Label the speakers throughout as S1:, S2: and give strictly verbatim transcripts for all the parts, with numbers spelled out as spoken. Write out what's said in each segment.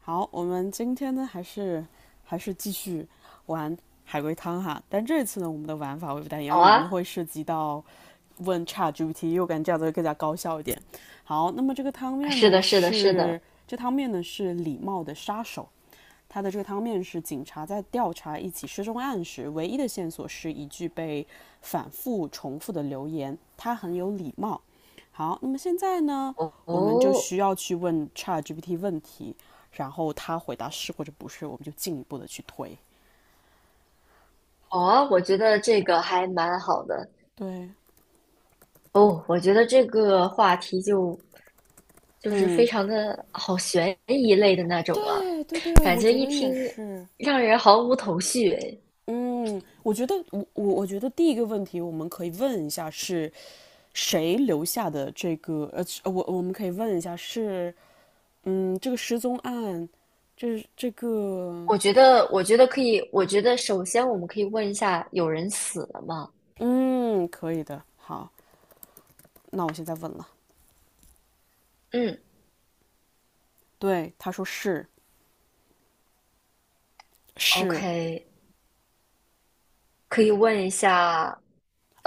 S1: 好，我们今天呢还是还是继续玩海龟汤哈，但这次呢我们的玩法会不太一样，
S2: 好
S1: 因为我们
S2: 啊。
S1: 会涉及到问 ChatGPT，又我感觉这样子会更加高效一点。好，那么这个汤面
S2: 是
S1: 呢
S2: 的，是的，是的。
S1: 是这汤面呢是礼貌的杀手，他的这个汤面是警察在调查一起失踪案时，唯一的线索是一句被反复重复的留言。他很有礼貌。好，那么现在呢，我们就
S2: 哦，
S1: 需要去问 ChatGPT 问题，然后他回答是或者不是，我们就进一步的去推。
S2: 好啊，我觉得这个还蛮好的。
S1: 对，
S2: 哦，我觉得这个话题就就是
S1: 嗯，
S2: 非常的好悬疑类的那种啊，
S1: 对对对，
S2: 感
S1: 我
S2: 觉
S1: 觉
S2: 一
S1: 得也
S2: 听
S1: 是。
S2: 让人毫无头绪诶。
S1: 嗯，我觉得我我我觉得第一个问题我们可以问一下是谁留下的这个呃，我我们可以问一下是嗯，这个失踪案，这这个，
S2: 我觉得，我觉得可以，我觉得首先我们可以问一下，有人死了吗？
S1: 嗯，可以的。好，那我现在问了。
S2: 嗯
S1: 对，他说是是
S2: ，OK，可以问一下，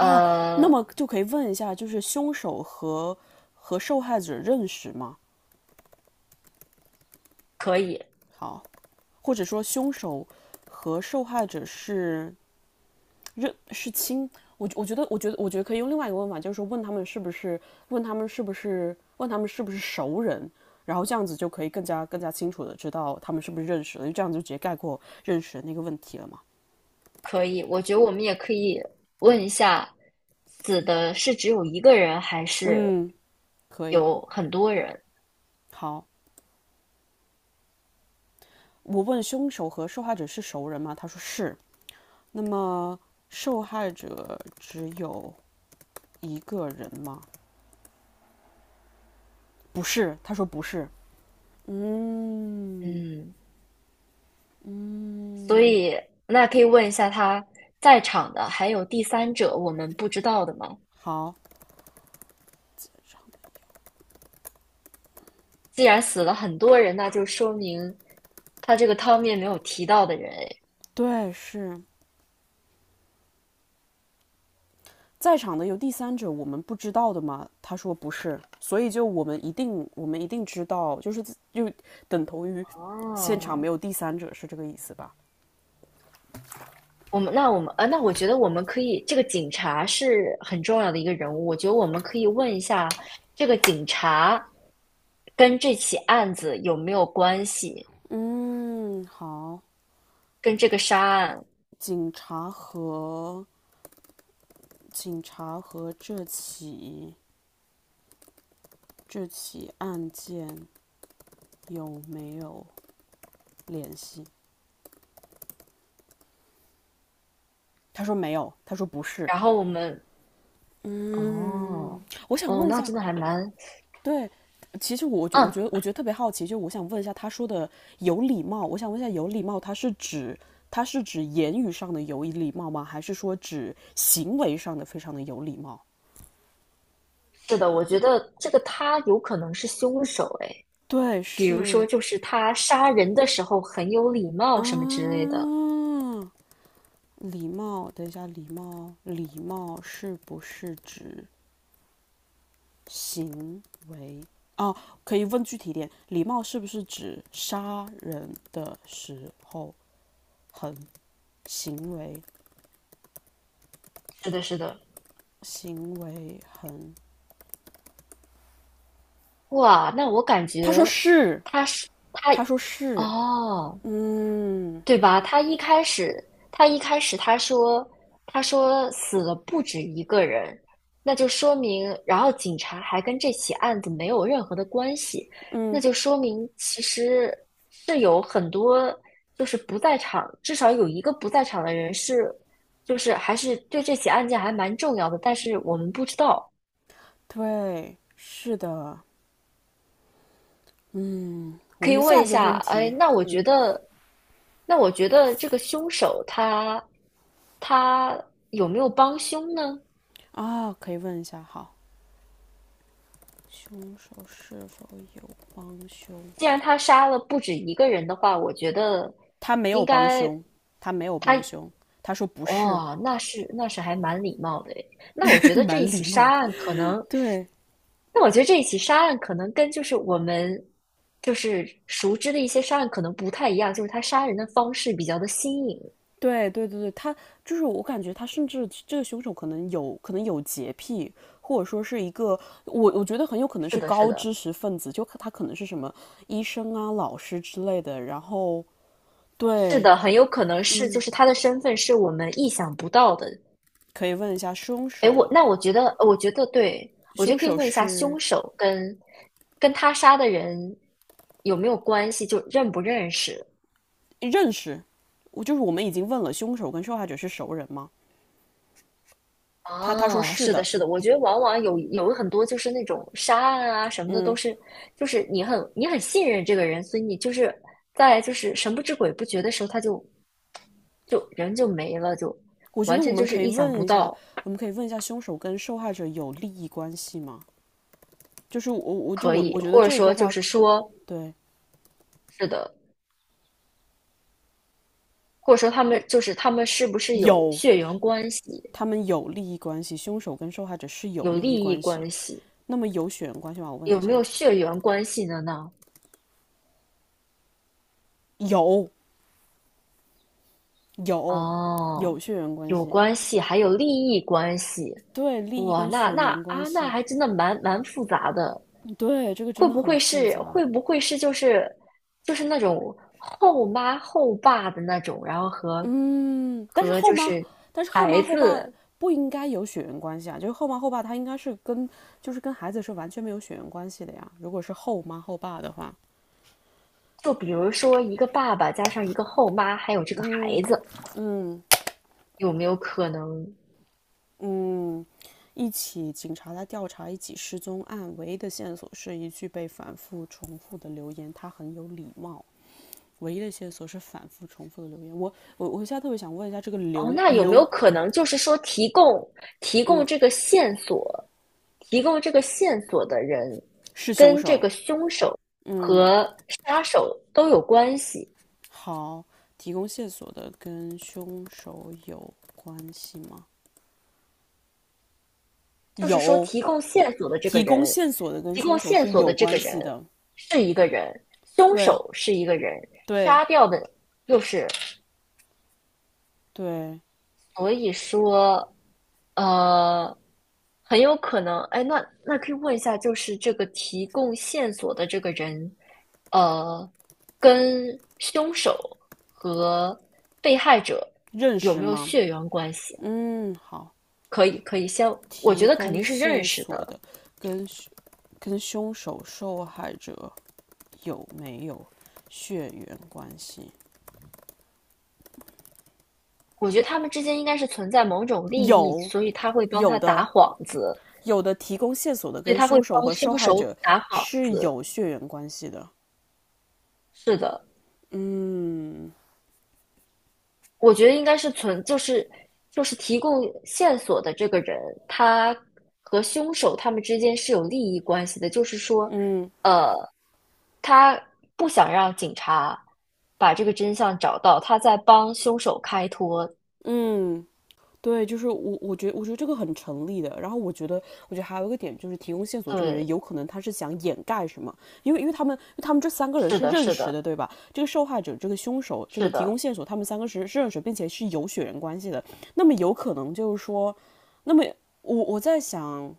S1: 哦，那么就可以问一下，就是凶手和和受害者认识吗？
S2: 可以。
S1: 好，或者说凶手和受害者是认是亲，我我觉得我觉得我觉得可以用另外一个问法，就是说问他们是不是问他们是不是问他们是不是熟人，然后这样子就可以更加更加清楚的知道他们是不是认识了，因为这样就直接概括认识的那个问题了嘛。
S2: 可以，我觉得我们也可以问一下，死的是只有一个人，还是
S1: 嗯，可以，
S2: 有很多人？
S1: 好，我问凶手和受害者是熟人吗？他说是。那么受害者只有一个人吗？不是，他说不是。嗯，
S2: 嗯，所
S1: 嗯，
S2: 以那可以问一下他在场的，还有第三者，我们不知道的吗？
S1: 好，
S2: 既然死了很多人，那就说明他这个汤面没有提到的人。哎，
S1: 对，是。在场的有第三者，我们不知道的吗？他说不是，所以就我们一定，我们一定知道，就是就等同于现场没
S2: 哦，
S1: 有第三者，是这个意思吧？
S2: 我们那我们呃，那我觉得我们可以，这个警察是很重要的一个人物，我觉得我们可以问一下这个警察跟这起案子有没有关系，
S1: 嗯，好。
S2: 跟这个杀案。
S1: 警察和警察和这起这起案件有没有联系？他说没有，他说不是。
S2: 然后我们哦
S1: 我想
S2: 哦，
S1: 问一
S2: 那
S1: 下，
S2: 真的还蛮
S1: 对，其实我觉我觉得
S2: 嗯，
S1: 我觉得特别好奇，就我想问一下，他说的有礼貌，我想问一下，有礼貌，它是指它是指言语上的有礼貌吗？还是说指行为上的非常的有礼貌？
S2: 是的，我觉得这个他有可能是凶手诶，
S1: 对，
S2: 比如说
S1: 是，
S2: 就是他杀人的时候很有礼貌什么之类
S1: 啊，
S2: 的。
S1: 礼貌。等一下，礼貌，礼貌是不是指行为？哦，可以问具体点，礼貌是不是指杀人的时候很行为？
S2: 是的，是的。
S1: 行为很
S2: 哇，那我感
S1: 他说
S2: 觉
S1: 是，
S2: 他是他。
S1: 他说是，
S2: 哦。
S1: 嗯，
S2: 对吧？他一开始，他一开始他说，他说死了不止一个人，那就说明，然后警察还跟这起案子没有任何的关系，那
S1: 嗯，
S2: 就说明其实是有很多就是不在场，至少有一个不在场的人是，就是还是对这起案件还蛮重要的，但是我们不知道。
S1: 对，是的，嗯。我
S2: 可以
S1: 们
S2: 问
S1: 下
S2: 一
S1: 一个
S2: 下，
S1: 问
S2: 哎，
S1: 题
S2: 那我觉得，那我觉得这个凶手他他有没有帮凶呢？
S1: 啊，可以问一下，好，凶手是否帮凶？
S2: 既然他杀了不止一个人的话，我觉得
S1: 他没有
S2: 应
S1: 帮
S2: 该
S1: 凶，他没有
S2: 他。
S1: 帮凶，他说不是，
S2: 哦，那是那是还蛮礼貌的诶。那我觉 得这
S1: 蛮
S2: 一
S1: 礼
S2: 起
S1: 貌
S2: 杀
S1: 的。
S2: 案可能，
S1: 对，
S2: 那我觉得这一起杀案可能跟就是我们就是熟知的一些杀案可能不太一样，就是他杀人的方式比较的新颖。
S1: 对对对对，他就是我感觉他甚至这个凶手可能有可能有洁癖，或者说是一个我我觉得很有可能
S2: 是
S1: 是
S2: 的，是
S1: 高
S2: 的，
S1: 知识分子，就他可能是什么医生啊、老师之类的。然后
S2: 是
S1: 对，
S2: 的，很有可能是就
S1: 嗯，
S2: 是他的身份是我们意想不到的。
S1: 可以问一下凶
S2: 哎，
S1: 手，
S2: 我那我觉得，我觉得对，我觉
S1: 凶
S2: 得可以
S1: 手
S2: 问一下
S1: 是
S2: 凶手跟跟他杀的人有没有关系，就认不认识？
S1: 认识，我就是我们已经问了凶手跟受害者是熟人吗？他他说
S2: 哦，
S1: 是
S2: 是的，
S1: 的，
S2: 是的，我觉得往往有有很多就是那种杀案啊什么的，都
S1: 嗯，
S2: 是就是你很你很信任这个人，所以你就是在就是神不知鬼不觉的时候，他就就人就没了，就
S1: 我觉
S2: 完
S1: 得我
S2: 全
S1: 们
S2: 就是
S1: 可以
S2: 意想
S1: 问
S2: 不
S1: 一下，
S2: 到。
S1: 我们可以问一下凶手跟受害者有利益关系吗？就是我，我就
S2: 可
S1: 我，
S2: 以，
S1: 我觉得
S2: 或者
S1: 这个
S2: 说就
S1: 话
S2: 是说
S1: 对，
S2: 是的，或者说他们就是他们是不是有
S1: 有
S2: 血缘关系？
S1: 他们有利益关系，凶手跟受害者是有
S2: 有
S1: 利益
S2: 利益
S1: 关系。
S2: 关系，
S1: 那么有血缘关系吗？我问
S2: 有
S1: 一
S2: 没
S1: 下，
S2: 有血缘关系的呢？
S1: 有有
S2: 哦，
S1: 有血缘关
S2: 有
S1: 系，
S2: 关系，还有利益关系。
S1: 对，利益
S2: 哇，
S1: 跟
S2: 那
S1: 血
S2: 那
S1: 缘关
S2: 啊，那
S1: 系，
S2: 还真的蛮蛮复杂的。
S1: 对，这个真
S2: 会
S1: 的
S2: 不
S1: 很
S2: 会
S1: 复
S2: 是
S1: 杂。
S2: 会不会是就是就是那种后妈后爸的那种，然后和
S1: 嗯，但是
S2: 和
S1: 后
S2: 就
S1: 妈，
S2: 是
S1: 但是后
S2: 孩
S1: 妈后爸
S2: 子，
S1: 不应该有血缘关系啊，就是后妈后爸他应该是跟就是跟孩子是完全没有血缘关系的呀。如果是后妈后爸的话，
S2: 就比如说一个爸爸加上一个后妈，还有这个
S1: 嗯，
S2: 孩子，
S1: 嗯，
S2: 有没有可能。
S1: 嗯，一起警察在调查一起失踪案，唯一的线索是一句被反复重复的留言，他很有礼貌。唯一的线索是反复重复的留言。我我我现在特别想问一下，这个
S2: 哦，
S1: 刘
S2: 那有没
S1: 刘，
S2: 有可能就是说提供提供
S1: 嗯，
S2: 这个线索，提供这个线索的人
S1: 是凶
S2: 跟这
S1: 手？
S2: 个凶手
S1: 嗯，
S2: 和杀手都有关系？
S1: 好，提供线索的跟凶手有关系吗？
S2: 就是说
S1: 有，
S2: 提供线索的这个
S1: 提供
S2: 人，
S1: 线索的跟
S2: 提
S1: 凶
S2: 供
S1: 手
S2: 线
S1: 是
S2: 索
S1: 有
S2: 的这个
S1: 关
S2: 人
S1: 系的。
S2: 是一个人，凶
S1: 对
S2: 手是一个人，
S1: 对
S2: 杀掉的又是。
S1: 对，
S2: 所以说，呃，很有可能，哎，那那可以问一下，就是这个提供线索的这个人，呃，跟凶手和被害者
S1: 认
S2: 有
S1: 识
S2: 没有
S1: 吗？
S2: 血缘关系？
S1: 嗯，好，
S2: 可以，可以先，我
S1: 提
S2: 觉得肯
S1: 供
S2: 定是认
S1: 线
S2: 识
S1: 索
S2: 的，
S1: 的跟跟凶手受害者有没有血缘关系？
S2: 我觉得他们之间应该是存在某种利益，
S1: 有，
S2: 所以他会帮
S1: 有
S2: 他打
S1: 的，
S2: 幌子，
S1: 有的提供线索的
S2: 所以
S1: 跟
S2: 他会
S1: 凶手
S2: 帮
S1: 和受
S2: 凶
S1: 害
S2: 手
S1: 者
S2: 打幌
S1: 是
S2: 子，
S1: 有血缘关系的。
S2: 是的。
S1: 嗯，
S2: 我觉得应该是存，就是就是提供线索的这个人，他和凶手他们之间是有利益关系的，就是说，
S1: 嗯，
S2: 呃，他不想让警察把这个真相找到，他在帮凶手开脱。
S1: 嗯，对，就是我，我觉得，我觉得这个很成立的。然后我觉得，我觉得还有一个点就是提供线索，这个人
S2: 对，
S1: 有可能他是想掩盖什么，因为因为他们，因为他们这三个人
S2: 是
S1: 是
S2: 的，
S1: 认
S2: 是
S1: 识
S2: 的，
S1: 的，对吧？这个受害者、这个凶手、这个
S2: 是
S1: 提供
S2: 的。
S1: 线索，他们三个是是认识，并且是有血缘关系的。那么有可能就是说，那么我我在想，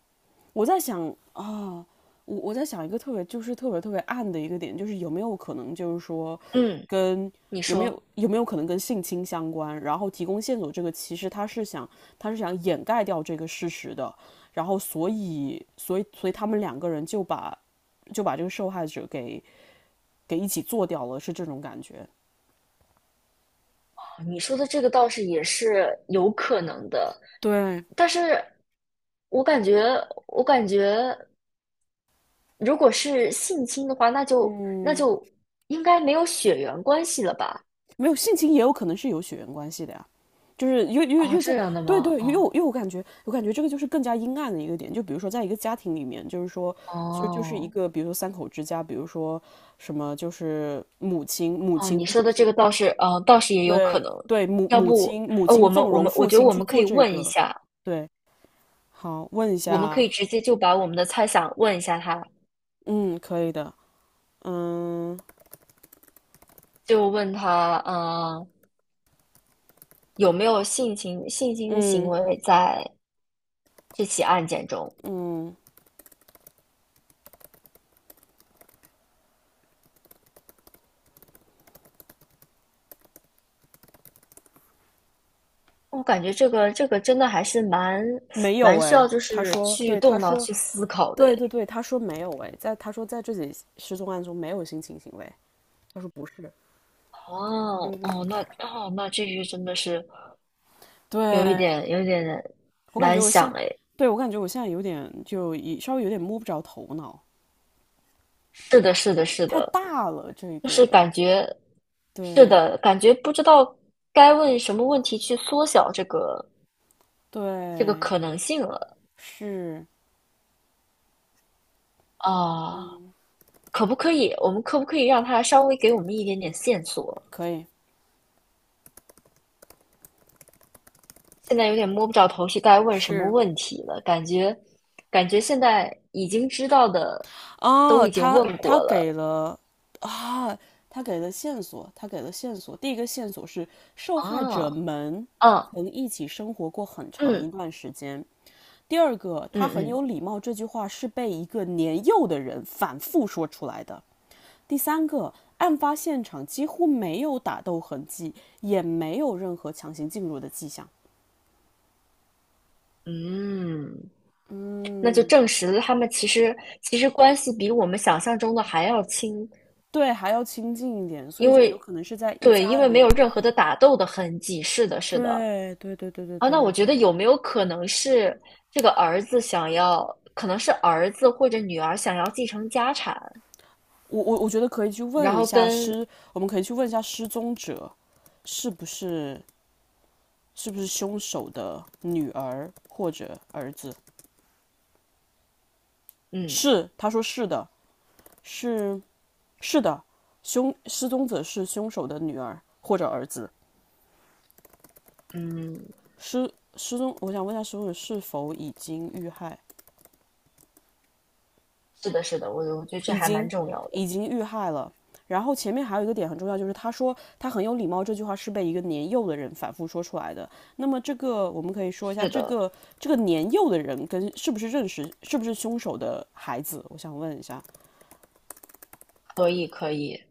S1: 我在想啊，我我在想一个特别就是特别特别暗的一个点，就是有没有可能就是说
S2: 嗯，
S1: 跟
S2: 你
S1: 有没
S2: 说，
S1: 有有没有可能跟性侵相关？然后提供线索这个其实他是想他是想掩盖掉这个事实的，然后所以所以所以他们两个人就把就把这个受害者给给一起做掉了，是这种感觉。
S2: 你说的这个倒是也是有可能的，
S1: 对，
S2: 但是我感觉，我感觉。如果是性侵的话，那就那
S1: 嗯，
S2: 就应该没有血缘关系了吧？
S1: 没有性情也有可能是有血缘关系的呀，就是又又
S2: 哦，
S1: 又在
S2: 这样的
S1: 对
S2: 吗？
S1: 对，
S2: 哦
S1: 又又我感觉我感觉这个就是更加阴暗的一个点，就比如说在一个家庭里面，就是说就就是一
S2: 哦
S1: 个比如说三口之家，比如说什么就是母亲母
S2: 哦，
S1: 亲
S2: 你
S1: 母
S2: 说的这
S1: 亲
S2: 个倒是，呃，倒是也有可
S1: 对
S2: 能。
S1: 对母
S2: 要
S1: 母
S2: 不，
S1: 亲母
S2: 呃，
S1: 亲
S2: 我们
S1: 纵
S2: 我
S1: 容
S2: 们我
S1: 父
S2: 觉得
S1: 亲
S2: 我
S1: 去
S2: 们可
S1: 做
S2: 以
S1: 这
S2: 问一
S1: 个，
S2: 下，
S1: 对，好问一
S2: 我们可
S1: 下，
S2: 以直接就把我们的猜想问一下他，
S1: 嗯，可以的，嗯，
S2: 就问他，呃，有没有性侵性侵的行
S1: 嗯，
S2: 为在这起案件中？
S1: 嗯，
S2: 我感觉这个这个真的还是蛮
S1: 没有
S2: 蛮需
S1: 哎，
S2: 要就
S1: 他
S2: 是
S1: 说
S2: 去
S1: 对他
S2: 动脑
S1: 说
S2: 去思考的
S1: 对对
S2: 诶。
S1: 对，他说没有哎，在他说在这起失踪案中没有性侵行为，他说不是。
S2: 哦哦，那哦那这句真的是有一
S1: 对，
S2: 点有一点
S1: 我感觉
S2: 难
S1: 我
S2: 想
S1: 现，
S2: 哎，
S1: 对，我感觉我现在有点就一稍微有点摸不着头脑，
S2: 是的，是的，是
S1: 太
S2: 的，
S1: 大了这
S2: 就是
S1: 个，
S2: 感觉是
S1: 对
S2: 的，感觉不知道该问什么问题去缩小这个这个
S1: 对
S2: 可能性了。
S1: 是，
S2: 啊，
S1: 嗯，
S2: 可不可以？我们可不可以让他稍微给我们一点点线索？
S1: 可以
S2: 现在有点摸不着头绪，该问什么
S1: 是
S2: 问题了？感觉感觉现在已经知道的都
S1: 哦，
S2: 已经
S1: 他
S2: 问过
S1: 他给
S2: 了。
S1: 了啊，他给了线索，他给了线索，第一个线索是受害者
S2: 啊，
S1: 们
S2: 嗯
S1: 曾一起生活过很长一
S2: 嗯
S1: 段时间。第二个，
S2: 嗯
S1: 他很
S2: 嗯
S1: 有礼貌，这句话是被一个年幼的人反复说出来的。第三个，案发现场几乎没有打斗痕迹，也没有任何强行进入的迹象。
S2: 嗯，那就
S1: 嗯，
S2: 证实了他们其实其实关系比我们想象中的还要亲，
S1: 对，还要亲近一点，所以
S2: 因
S1: 就有
S2: 为
S1: 可能是在一
S2: 对，
S1: 家
S2: 因
S1: 里
S2: 为没
S1: 面。
S2: 有任何的打斗的痕迹。是的，是的。
S1: 对，对，对，对，对，
S2: 啊，
S1: 对，
S2: 那我
S1: 对，
S2: 觉得
S1: 对。
S2: 有没有可能是这个儿子想要，可能是儿子或者女儿想要继承家产，
S1: 我我我觉得可以去
S2: 然
S1: 问一
S2: 后
S1: 下
S2: 跟
S1: 失，我们可以去问一下失踪者是不是是不是凶手的女儿或者儿子？
S2: 嗯
S1: 是，他说是的，是是的，凶失踪者是凶手的女儿或者儿子。
S2: 嗯，
S1: 失失踪，我想问一下，失踪者是否已经遇害？
S2: 是的，是的，我我觉得这
S1: 已
S2: 还蛮
S1: 经，
S2: 重要的。
S1: 已经遇害了。然后前面还有一个点很重要，就是他说他很有礼貌这句话是被一个年幼的人反复说出来的。那么这个我们可以说一下，
S2: 是
S1: 这
S2: 的，
S1: 个这个年幼的人跟是不是认识，是不是凶手的孩子？我想问一下。
S2: 可以可以。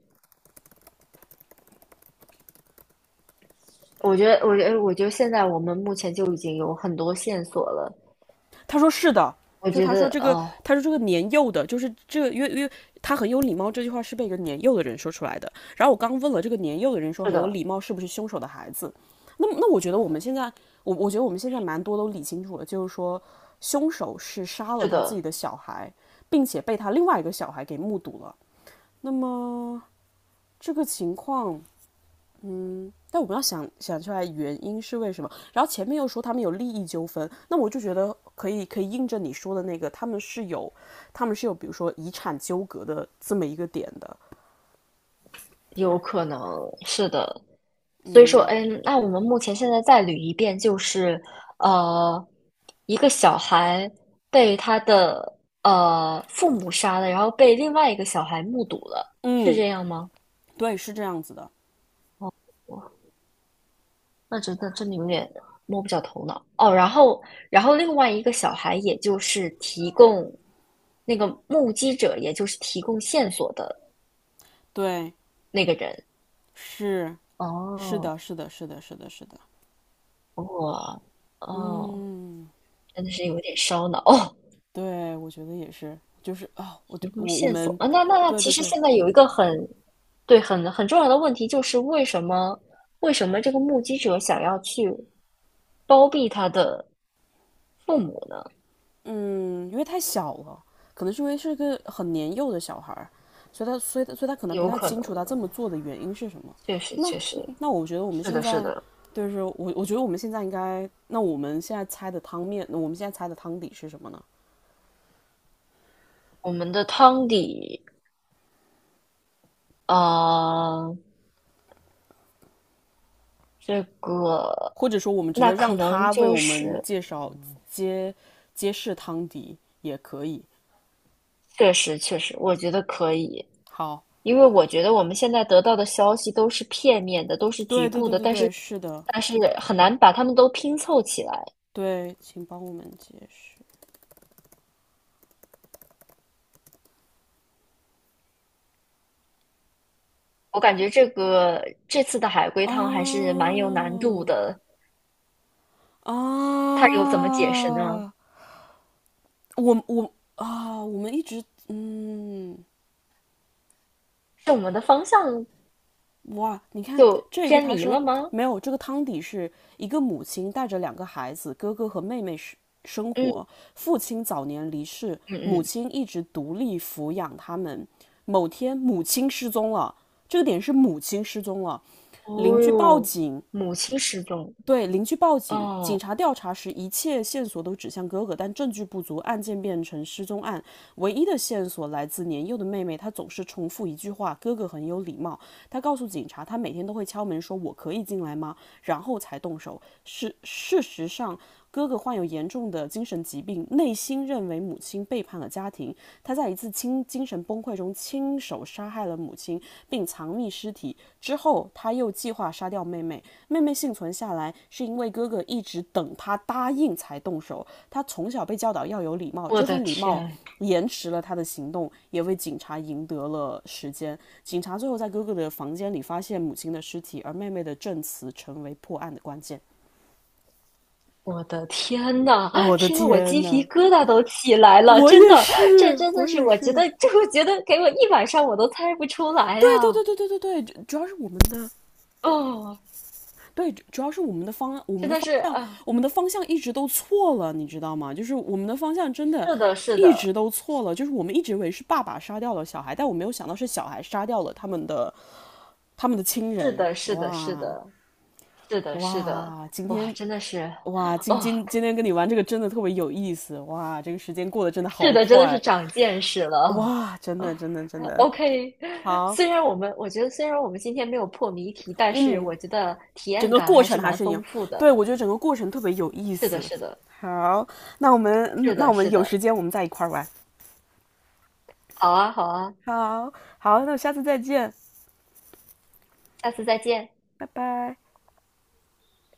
S2: 我觉得，我觉得，我觉得现在我们目前就已经有很多线索了。
S1: 他说是的，
S2: 我
S1: 就
S2: 觉
S1: 他说
S2: 得
S1: 这个，
S2: 哦，
S1: 他说这个年幼的，就是这个，因为因为他很有礼貌这句话是被一个年幼的人说出来的。然后我刚问了这个年幼的人说
S2: 是
S1: 很有
S2: 的，
S1: 礼貌是不是凶手的孩子？那我觉得我们现在，我我觉得我们现在蛮多都理清楚了，就是说凶手是杀了
S2: 是
S1: 他自
S2: 的，
S1: 己的小孩，并且被他另外一个小孩给目睹了。那么这个情况，但我们要想想出来原因是为什么。然后前面又说他们有利益纠纷，那我就觉得可以可以印证你说的那个，他们是有他们是有比如说遗产纠葛的这么一个点的。
S2: 有可能是的。所以说，
S1: 嗯
S2: 嗯，那我们目前现在再捋一遍，就是呃，一个小孩被他的呃父母杀了，然后被另外一个小孩目睹了，是
S1: 嗯，
S2: 这样吗？
S1: 对，是这样子的。
S2: 哦，那真的真的有点摸不着头脑哦。然后，然后另外一个小孩，也就是提供那个目击者，也就是提供线索的
S1: 对，
S2: 那个人。
S1: 是是
S2: 哦，
S1: 的，是的，是的，是的，是的。
S2: 哇哦，
S1: 嗯，
S2: 真的是有点烧脑哦。
S1: 对，我觉得也是。就是啊、哦我就
S2: 提供
S1: 我我
S2: 线索
S1: 们，
S2: 啊，那那那，
S1: 对
S2: 其
S1: 对
S2: 实
S1: 对。
S2: 现在有一个很对很很重要的问题，就是为什么为什么这个目击者想要去包庇他的父母呢？
S1: 因为太小了，可能是因为是个很年幼的小孩儿，所以他所以他所以他可能不
S2: 有
S1: 太
S2: 可能，
S1: 清楚他这么做的原因是什么。
S2: 确实
S1: 那
S2: 确实
S1: 那我觉得我们
S2: 是
S1: 现
S2: 的，是
S1: 在，
S2: 的。
S1: 就是我我觉得我们现在应该，那我们现在猜的汤面，那我们现在猜的汤底是什么呢？
S2: 我们的汤底，呃，这个
S1: 或者说我们直
S2: 那
S1: 接
S2: 可
S1: 让
S2: 能
S1: 他为
S2: 就
S1: 我们
S2: 是
S1: 介绍，揭揭示汤底也可以。
S2: 确实确实，我觉得可以。
S1: 好，
S2: 因为我觉得我们现在得到的消息都是片面的，都是
S1: 对
S2: 局
S1: 对
S2: 部
S1: 对
S2: 的，
S1: 对
S2: 但是
S1: 对，是的。
S2: 但是很难把它们都拼凑起来。
S1: 对，请帮我们解释。
S2: 我感觉这个这次的海龟汤还是
S1: 啊，
S2: 蛮有难度的，它有怎么解释呢？
S1: 啊！我我啊、哦我们一直，嗯，
S2: 是我们的方向
S1: 哇，你看
S2: 就
S1: 这个
S2: 偏
S1: 他
S2: 离
S1: 说。
S2: 了吗？
S1: 没有，这个汤底是一个母亲带着两个孩子哥哥和妹妹生生活，
S2: 嗯
S1: 父亲早年离世，
S2: 嗯
S1: 母
S2: 嗯。
S1: 亲一直独立抚养他们。某天母亲失踪了，这个点是母亲失踪了，邻
S2: 哦
S1: 居报
S2: 哟，
S1: 警，
S2: 母亲失踪。
S1: 对，邻居报警。警
S2: 哦，
S1: 察调查时，一切线索都指向哥哥，但证据不足，案件变成失踪案。唯一的线索来自年幼的妹妹，她总是重复一句话："哥哥很有礼貌。"她告诉警察，她每天都会敲门说："我可以进来吗？"然后才动手。事事实上，哥哥患有严重的精神疾病，内心认为母亲背叛了家庭。他在一次亲近。精神崩溃中亲手杀害了母亲，并藏匿尸体。之后，他又计划杀掉妹妹。妹妹幸存下来，是因为哥哥一直等他答应才动手。他从小被教导要有礼貌，
S2: 我
S1: 这
S2: 的
S1: 份礼貌
S2: 天！
S1: 延迟了他的行动，也为警察赢得了时间。警察最后在哥哥的房间里发现母亲的尸体，而妹妹的证词成为破案的关键。
S2: 我的天呐，
S1: 我的
S2: 听得我
S1: 天
S2: 鸡皮
S1: 呐，
S2: 疙瘩都起来了，
S1: 我
S2: 真
S1: 也
S2: 的，这
S1: 是，
S2: 真
S1: 我
S2: 的是
S1: 也
S2: 我觉
S1: 是。
S2: 得，这我觉得给我一晚上我都猜不出来呀、
S1: 对对对对对对对，主要是我们的，
S2: 哦，
S1: 对，主主要是我们的方，案，我们
S2: 真
S1: 的
S2: 的
S1: 方
S2: 是
S1: 向，
S2: 啊，
S1: 我们的方向一直都错了，你知道吗？就是我们的方向真的
S2: 是的，是
S1: 一
S2: 的，
S1: 直都错了，就是我们一直以为是爸爸杀掉了小孩，但我没有想到是小孩杀掉了他们的他们的亲
S2: 是
S1: 人。
S2: 的，是的，是
S1: 哇，
S2: 的，是的，是的，
S1: 哇，今
S2: 哇，
S1: 天，
S2: 真的是。
S1: 哇今
S2: 哦，
S1: 今今天跟你玩这个真的特别有意思。哇，这个时间过得真的
S2: 是
S1: 好
S2: 的，真的是
S1: 快。
S2: 长见识了。
S1: 哇，真的真的真的
S2: OK，
S1: 好。
S2: 虽然我们我觉得虽然我们今天没有破谜题，但是
S1: 嗯，
S2: 我觉得体
S1: 整
S2: 验
S1: 个
S2: 感
S1: 过
S2: 还是
S1: 程还
S2: 蛮
S1: 是一样，
S2: 丰富
S1: 对，
S2: 的。
S1: 我觉得整个过程特别有意
S2: 是的，
S1: 思。
S2: 是的，
S1: 好，那我们，嗯，
S2: 是
S1: 那
S2: 的，
S1: 我们
S2: 是
S1: 有
S2: 的。
S1: 时间我们再一块玩。
S2: 好啊，好啊。
S1: 好，好，那我下次再见，
S2: 下次再见。
S1: 拜拜。